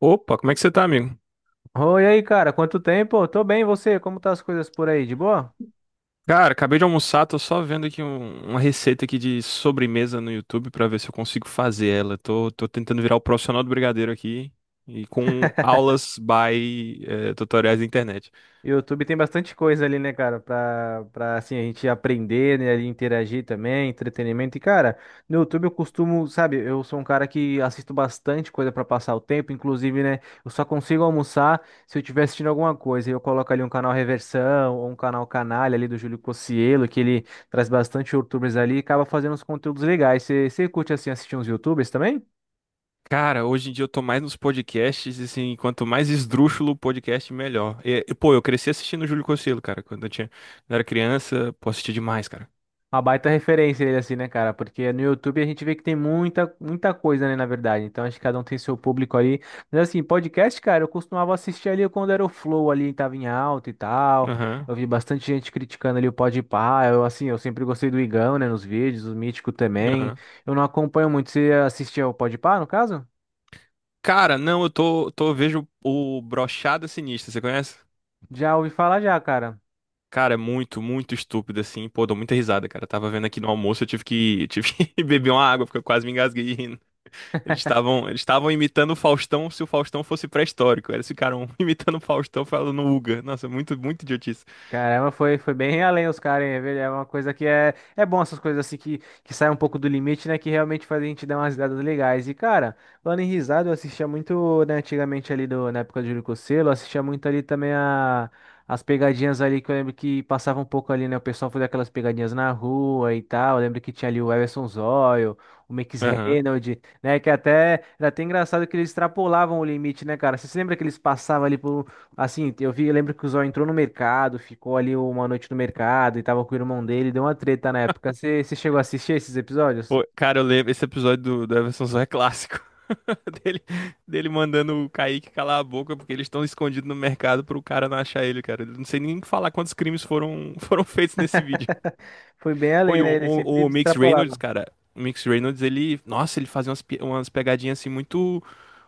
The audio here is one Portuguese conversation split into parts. Opa, como é que você tá, amigo? Oi, e aí, cara, quanto tempo? Tô bem, e você? Como tá as coisas por aí? De boa? Cara, acabei de almoçar, tô só vendo aqui uma receita aqui de sobremesa no YouTube pra ver se eu consigo fazer ela. Tô tentando virar o profissional do brigadeiro aqui e com aulas tutoriais da internet. YouTube tem bastante coisa ali, né, cara, pra assim, a gente aprender, né, ali, interagir também, entretenimento. E, cara, no YouTube eu costumo, sabe, eu sou um cara que assisto bastante coisa pra passar o tempo, inclusive, né, eu só consigo almoçar se eu estiver assistindo alguma coisa. Eu coloco ali um canal Reversão ou um canal Canalha ali do Júlio Cocielo, que ele traz bastante YouTubers ali e acaba fazendo uns conteúdos legais. Você curte, assim, assistir uns YouTubers também? Cara, hoje em dia eu tô mais nos podcasts, e, assim, quanto mais esdrúxulo o podcast, melhor. Pô, eu cresci assistindo o Júlio Cocielo, cara, quando era criança, pô, assistia demais, cara. Uma baita referência ele assim, né, cara? Porque no YouTube a gente vê que tem muita, muita coisa, né, na verdade. Então acho que cada um tem seu público ali. Mas assim, podcast, cara, eu costumava assistir ali quando era o Flow ali, tava em alta e tal. Aham, Eu vi bastante gente criticando ali o Podpah. Eu assim, eu sempre gostei do Igão, né, nos vídeos, o Mítico também. aham. Eu não acompanho muito. Você assistia ao Podpah, no caso? Cara, não, eu vejo o Brochada Sinistra, você conhece? Já ouvi falar já, cara. Cara, é muito, muito estúpido, assim. Pô, dou muita risada, cara. Eu tava vendo aqui no almoço, eu tive que beber uma água, porque eu quase me engasguei rindo. Eles estavam imitando o Faustão se o Faustão fosse pré-histórico. Eles ficaram imitando o Faustão falando Uga. Nossa, é muito, muito idiotice. Caramba, foi bem além os caras, hein? É uma coisa que é bom essas coisas assim que saem um pouco do limite, né? Que realmente faz a gente dar umas risadas legais. E, cara, falando em risada, eu assistia muito, né, antigamente ali do, na época do Júlio Cocelo, eu assistia muito ali também as pegadinhas ali que eu lembro que passava um pouco ali, né? O pessoal fazia aquelas pegadinhas na rua e tal. Eu lembro que tinha ali o Everson Zóio, o Max Aham. Reynolds, né? Que até era até engraçado que eles extrapolavam o limite, né, cara? Você se lembra que eles passavam ali por um. Assim, eu lembro que o Zó entrou no mercado, ficou ali uma noite no mercado e tava com o irmão dele, deu uma treta na época. Você chegou a assistir esses episódios? Pô, cara, eu lembro, esse episódio do Everson Zoé é clássico. Dele, dele mandando o Kaique calar a boca, porque eles estão escondidos no mercado pro cara não achar ele, cara. Eu não sei nem falar quantos crimes foram, foram feitos nesse vídeo. Foi bem Pô, além, e o, né? Ele sempre o, o Mix Reynolds, extrapolava. cara, o Mix Reynolds, nossa, ele fazia umas, umas pegadinhas assim muito,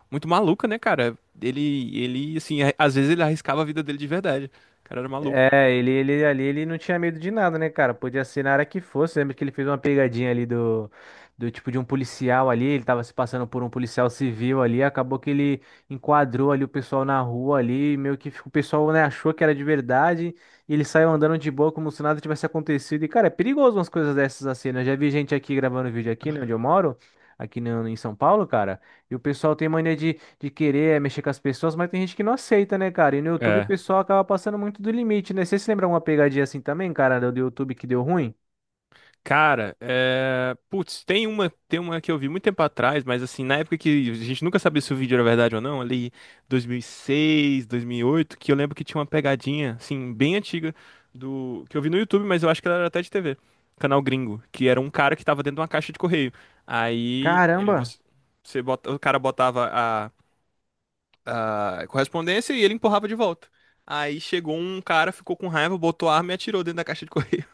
muito maluca, né, cara? Assim, às vezes ele arriscava a vida dele de verdade. O cara era maluco. É, ele ali, ele não tinha medo de nada, né, cara? Podia ser na área que fosse. Lembra que ele fez uma pegadinha ali do tipo de um policial ali, ele tava se passando por um policial civil ali, acabou que ele enquadrou ali o pessoal na rua ali, e meio que o pessoal, né, achou que era de verdade, e ele saiu andando de boa como se nada tivesse acontecido. E, cara, é perigoso umas coisas dessas assim, né? Eu já vi gente aqui gravando vídeo aqui, né, onde eu moro, aqui no, em São Paulo, cara, e o pessoal tem mania de querer mexer com as pessoas, mas tem gente que não aceita, né, cara? E no YouTube o É, pessoal acaba passando muito do limite, né? Você se lembra uma pegadinha assim também, cara, do YouTube que deu ruim? cara, é... putz, tem uma que eu vi muito tempo atrás, mas assim, na época que a gente nunca sabia se o vídeo era verdade ou não, ali 2006, 2008, que eu lembro que tinha uma pegadinha, assim, bem antiga do que eu vi no YouTube, mas eu acho que ela era até de TV, canal gringo, que era um cara que tava dentro de uma caixa de correio. Aí é, Caramba! Você o cara botava a correspondência e ele empurrava de volta. Aí chegou um cara, ficou com raiva, botou a arma e atirou dentro da caixa de correio.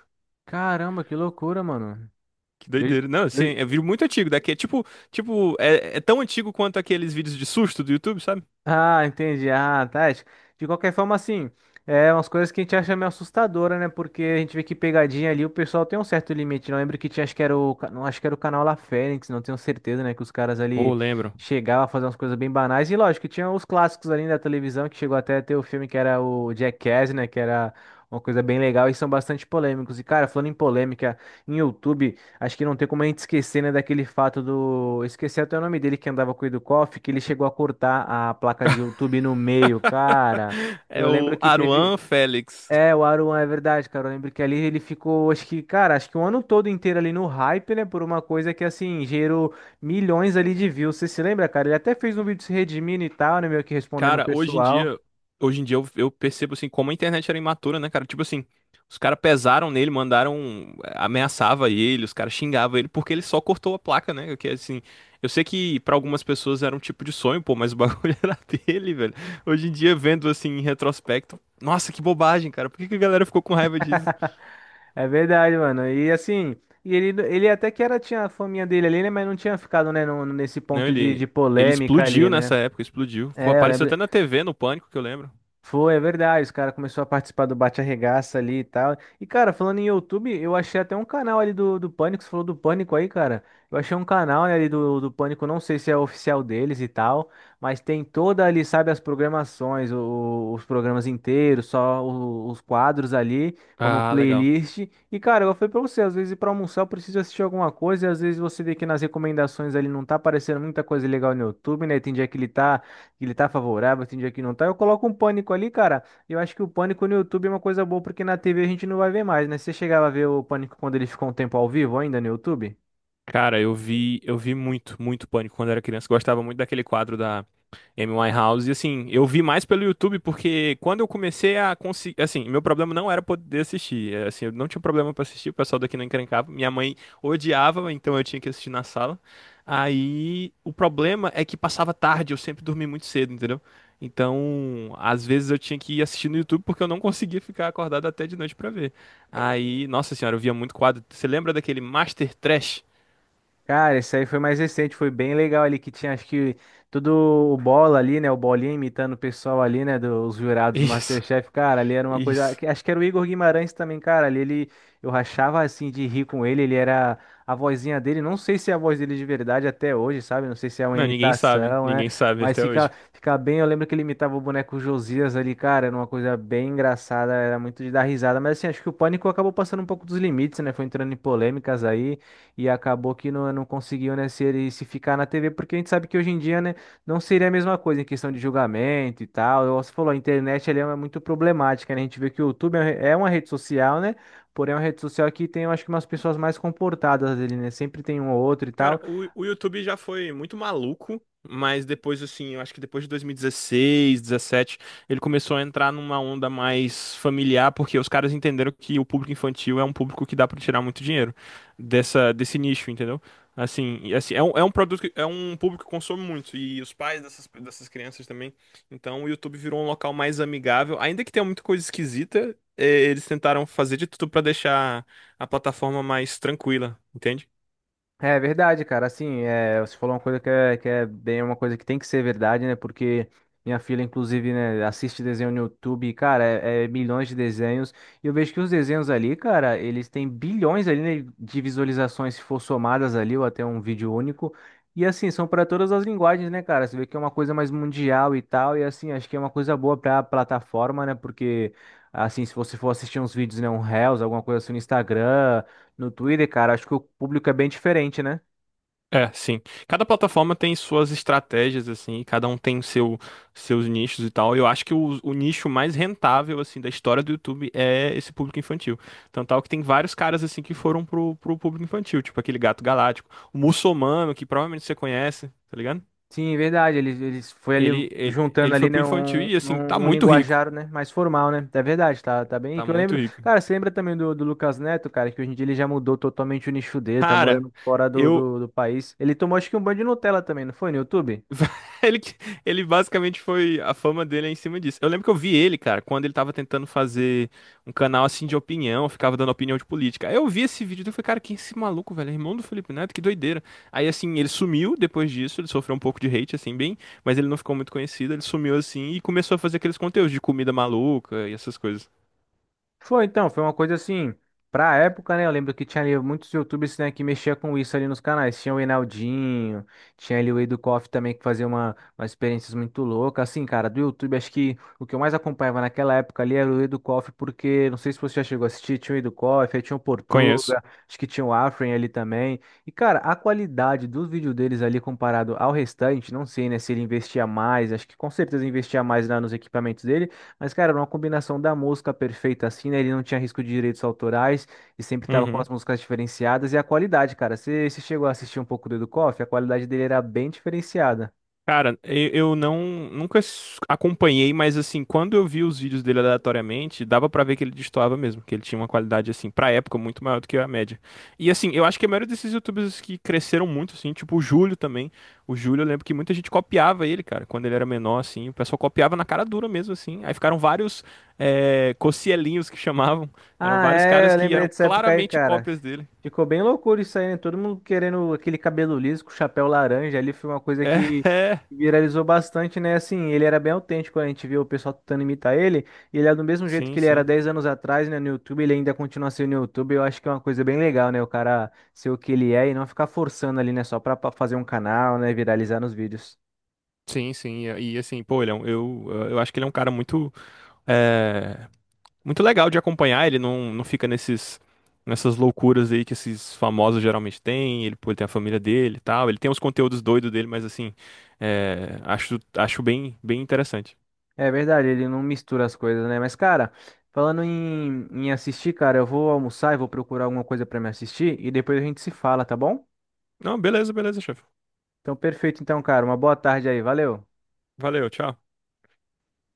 Caramba, que loucura, mano. Que Eu, doideira. Não, assim, é eu, vídeo muito antigo. Daqui é tipo, tipo, é, é tão antigo quanto aqueles vídeos de susto do YouTube, sabe? Ah, entendi. Ah, tá. É, de qualquer forma, assim, é umas coisas que a gente acha meio assustadora, né? Porque a gente vê que pegadinha ali, o pessoal tem um certo limite. Não lembro que tinha, acho que era não, acho que era o canal La Fênix, não tenho certeza, né? Que os caras Ou ali lembro. chegavam a fazer umas coisas bem banais. E lógico, que tinha os clássicos ali né, da televisão, que chegou até a ter o filme que era o Jackass, né? Que era uma coisa bem legal e são bastante polêmicos. E, cara, falando em polêmica, em YouTube. Acho que não tem como a gente esquecer, né, daquele fato do. Eu esqueci até o nome dele que andava com o Koff, que ele chegou a cortar a placa de YouTube no meio, cara. É Eu lembro o que teve. Aruan Félix. É, o Aruan, é verdade, cara. Eu lembro que ali ele ficou, acho que, cara, acho que um ano todo inteiro ali no hype, né, por uma coisa que, assim, gerou milhões ali de views. Você se lembra, cara? Ele até fez um vídeo se redimindo e tal, né, meio que respondendo o Cara, pessoal. Hoje em dia eu percebo assim como a internet era imatura, né, cara? Tipo assim, os caras pesaram nele, mandaram, ameaçava ele, os caras xingavam ele porque ele só cortou a placa, né? Que assim, eu sei que pra algumas pessoas era um tipo de sonho, pô, mas o bagulho era dele, velho. Hoje em dia vendo assim em retrospecto, nossa, que bobagem, cara. Por que que a galera ficou com raiva disso? É verdade, mano. E assim. E ele até que era, tinha a faminha dele ali, né? Mas não tinha ficado, né, nesse Não, ponto de, de ele polêmica ali, explodiu nessa né? época, explodiu. Pô, É, eu apareceu lembro. até na TV, no Pânico, que eu lembro. Foi, é verdade. Os caras começaram a participar do Bate Arregaça ali e tal. E, cara, falando em YouTube, eu achei até um canal ali do Pânico. Você falou do Pânico aí, cara. Eu achei um canal, né, ali do Pânico. Não sei se é oficial deles e tal. Mas tem toda ali, sabe, as programações, os programas inteiros, só os quadros ali, como Ah, legal. playlist. E, cara, eu falei pra você, às vezes pra almoçar eu preciso assistir alguma coisa. E às vezes você vê que nas recomendações ali não tá aparecendo muita coisa legal no YouTube, né? Tem dia que ele tá favorável, tem dia que não tá. Eu coloco um pânico ali, cara. Eu acho que o pânico no YouTube é uma coisa boa, porque na TV a gente não vai ver mais, né? Você chegava a ver o pânico quando ele ficou um tempo ao vivo ainda no YouTube? Cara, eu vi muito, muito Pânico quando era criança. Gostava muito daquele quadro da Amy Winehouse. E assim, eu vi mais pelo YouTube porque quando eu comecei a conseguir, assim, meu problema não era poder assistir. É, assim, eu não tinha problema pra assistir, o pessoal daqui não encrencava. Minha mãe odiava, então eu tinha que assistir na sala. Aí, o problema é que passava tarde, eu sempre dormi muito cedo, entendeu? Então, às vezes eu tinha que ir assistir no YouTube porque eu não conseguia ficar acordado até de noite pra ver. Aí, nossa senhora, eu via muito quadro. Você lembra daquele Master Trash? Cara, esse aí foi mais recente, foi bem legal ali, que tinha acho que todo o bola ali, né? O bolinha imitando o pessoal ali, né? Dos jurados do Isso, MasterChef, cara, ali era uma coisa. isso. Acho que era o Igor Guimarães também, cara. Ali ele eu rachava assim de rir com ele, ele era a vozinha dele. Não sei se é a voz dele de verdade até hoje, sabe? Não sei se é uma Não, ninguém sabe. imitação, né? Ninguém sabe Mas até fica, hoje. fica bem. Eu lembro que ele imitava o boneco Josias ali, cara, era uma coisa bem engraçada, era muito de dar risada. Mas assim, acho que o pânico acabou passando um pouco dos limites, né? Foi entrando em polêmicas aí e acabou que não conseguiu, né, se ele se ficar na TV, porque a gente sabe que hoje em dia, né, não seria a mesma coisa em questão de julgamento e tal. Você falou, a internet ela é muito problemática, né? A gente vê que o YouTube é uma rede social, né? Porém, é uma rede social que tem, eu acho que umas pessoas mais comportadas ali, né? Sempre tem um ou outro e tal. Cara, o YouTube já foi muito maluco, mas depois, assim, eu acho que depois de 2016, 17, ele começou a entrar numa onda mais familiar, porque os caras entenderam que o público infantil é um público que dá pra tirar muito dinheiro desse nicho, entendeu? Assim, é um, é um público que consome muito, e os pais dessas crianças também. Então, o YouTube virou um local mais amigável, ainda que tenha muita coisa esquisita, eles tentaram fazer de tudo pra deixar a plataforma mais tranquila, entende? É verdade, cara. Assim, é, você falou uma coisa que é bem uma coisa que tem que ser verdade, né? Porque minha filha, inclusive, né, assiste desenho no YouTube, e, cara, é milhões de desenhos. E eu vejo que os desenhos ali, cara, eles têm bilhões ali, né, de visualizações se for somadas ali, ou até um vídeo único. E assim, são para todas as linguagens, né, cara? Você vê que é uma coisa mais mundial e tal. E assim, acho que é uma coisa boa para a plataforma, né? Porque, assim, se você for assistir uns vídeos, né, um Reels, alguma coisa assim no Instagram. No Twitter, cara, acho que o público é bem diferente, né? É, sim. Cada plataforma tem suas estratégias, assim, e cada um tem o seus nichos e tal. Eu acho que o nicho mais rentável, assim, da história do YouTube é esse público infantil. Tanto tal que tem vários caras, assim, que foram pro público infantil, tipo aquele Gato Galáctico. O Muçulmano, que provavelmente você conhece, tá ligado? Sim, verdade. Eles foi ali Ele juntando ali, foi pro né, infantil um, e, assim, tá um, um muito rico. linguajar, né, mais formal, né? É verdade, tá, tá bem. E Tá que eu muito lembro, rico. cara, você lembra também do Lucas Neto, cara, que hoje em dia ele já mudou totalmente o nicho dele, tá Cara, morando fora do, eu, do país. Ele tomou acho que um banho de Nutella também, não foi no YouTube? Ele, que- ele basicamente foi. A fama dele é em cima disso. Eu lembro que eu vi ele, cara, quando ele tava tentando fazer um canal assim de opinião, ficava dando opinião de política. Aí eu vi esse vídeo e falei, cara, quem é esse maluco, velho? É irmão do Felipe Neto, que doideira. Aí assim, ele sumiu depois disso, ele sofreu um pouco de hate, assim, bem, mas ele não ficou muito conhecido, ele sumiu assim e começou a fazer aqueles conteúdos de comida maluca e essas coisas. Foi então, foi uma coisa assim, pra época, né? Eu lembro que tinha ali muitos YouTubers, né, que mexia com isso ali nos canais. Tinha o Enaldinho, tinha ali o Edu Koff também que fazia uma experiências muito louca. Assim, cara, do YouTube, acho que o que eu mais acompanhava naquela época ali era o Edu Koff, porque não sei se você já chegou a assistir, tinha o Edu Koff, aí tinha o Conheço. Portuga, acho que tinha o Afren ali também. E, cara, a qualidade dos vídeos deles ali comparado ao restante, não sei, né, se ele investia mais, acho que com certeza investia mais lá nos equipamentos dele. Mas, cara, era uma combinação da música perfeita assim, né? Ele não tinha risco de direitos autorais e sempre tava com Uhum. as músicas diferenciadas e a qualidade, cara. Você chegou a assistir um pouco do Edu Koff? A qualidade dele era bem diferenciada. Cara, eu não nunca acompanhei, mas assim, quando eu vi os vídeos dele aleatoriamente, dava pra ver que ele destoava mesmo, que ele tinha uma qualidade assim, pra época muito maior do que a média. E assim, eu acho que a maioria desses youtubers que cresceram muito assim, tipo o Júlio também. O Júlio, eu lembro que muita gente copiava ele, cara, quando ele era menor assim, o pessoal copiava na cara dura mesmo assim. Aí ficaram vários cocielinhos que chamavam, eram Ah, vários é, caras eu que lembrei eram dessa época aí, claramente cara. cópias dele. Ficou bem loucura isso aí, né? Todo mundo querendo aquele cabelo liso com chapéu laranja ali, foi uma coisa que É, viralizou bastante, né? Assim, ele era bem autêntico, né? A gente viu o pessoal tentando imitar ele, e ele é do mesmo jeito sim, que ele era sim. 10 anos atrás, né, no YouTube, ele ainda continua sendo no YouTube, eu acho que é uma coisa bem legal, né? O cara ser o que ele é e não ficar forçando ali, né, só pra fazer um canal, né, viralizar nos vídeos. Sim, sim, assim, pô, eu acho que ele é um cara muito é muito legal de acompanhar, ele não, não fica nessas loucuras aí que esses famosos geralmente têm, ele, pô, ele tem a família dele e tal, ele tem os conteúdos doidos dele, mas assim, é, acho bem interessante. É verdade, ele não mistura as coisas, né? Mas, cara, falando em assistir, cara, eu vou almoçar e vou procurar alguma coisa pra me assistir e depois a gente se fala, tá bom? Não, beleza, beleza, chefe. Então, perfeito, então, cara. Uma boa tarde aí, valeu. Valeu, tchau.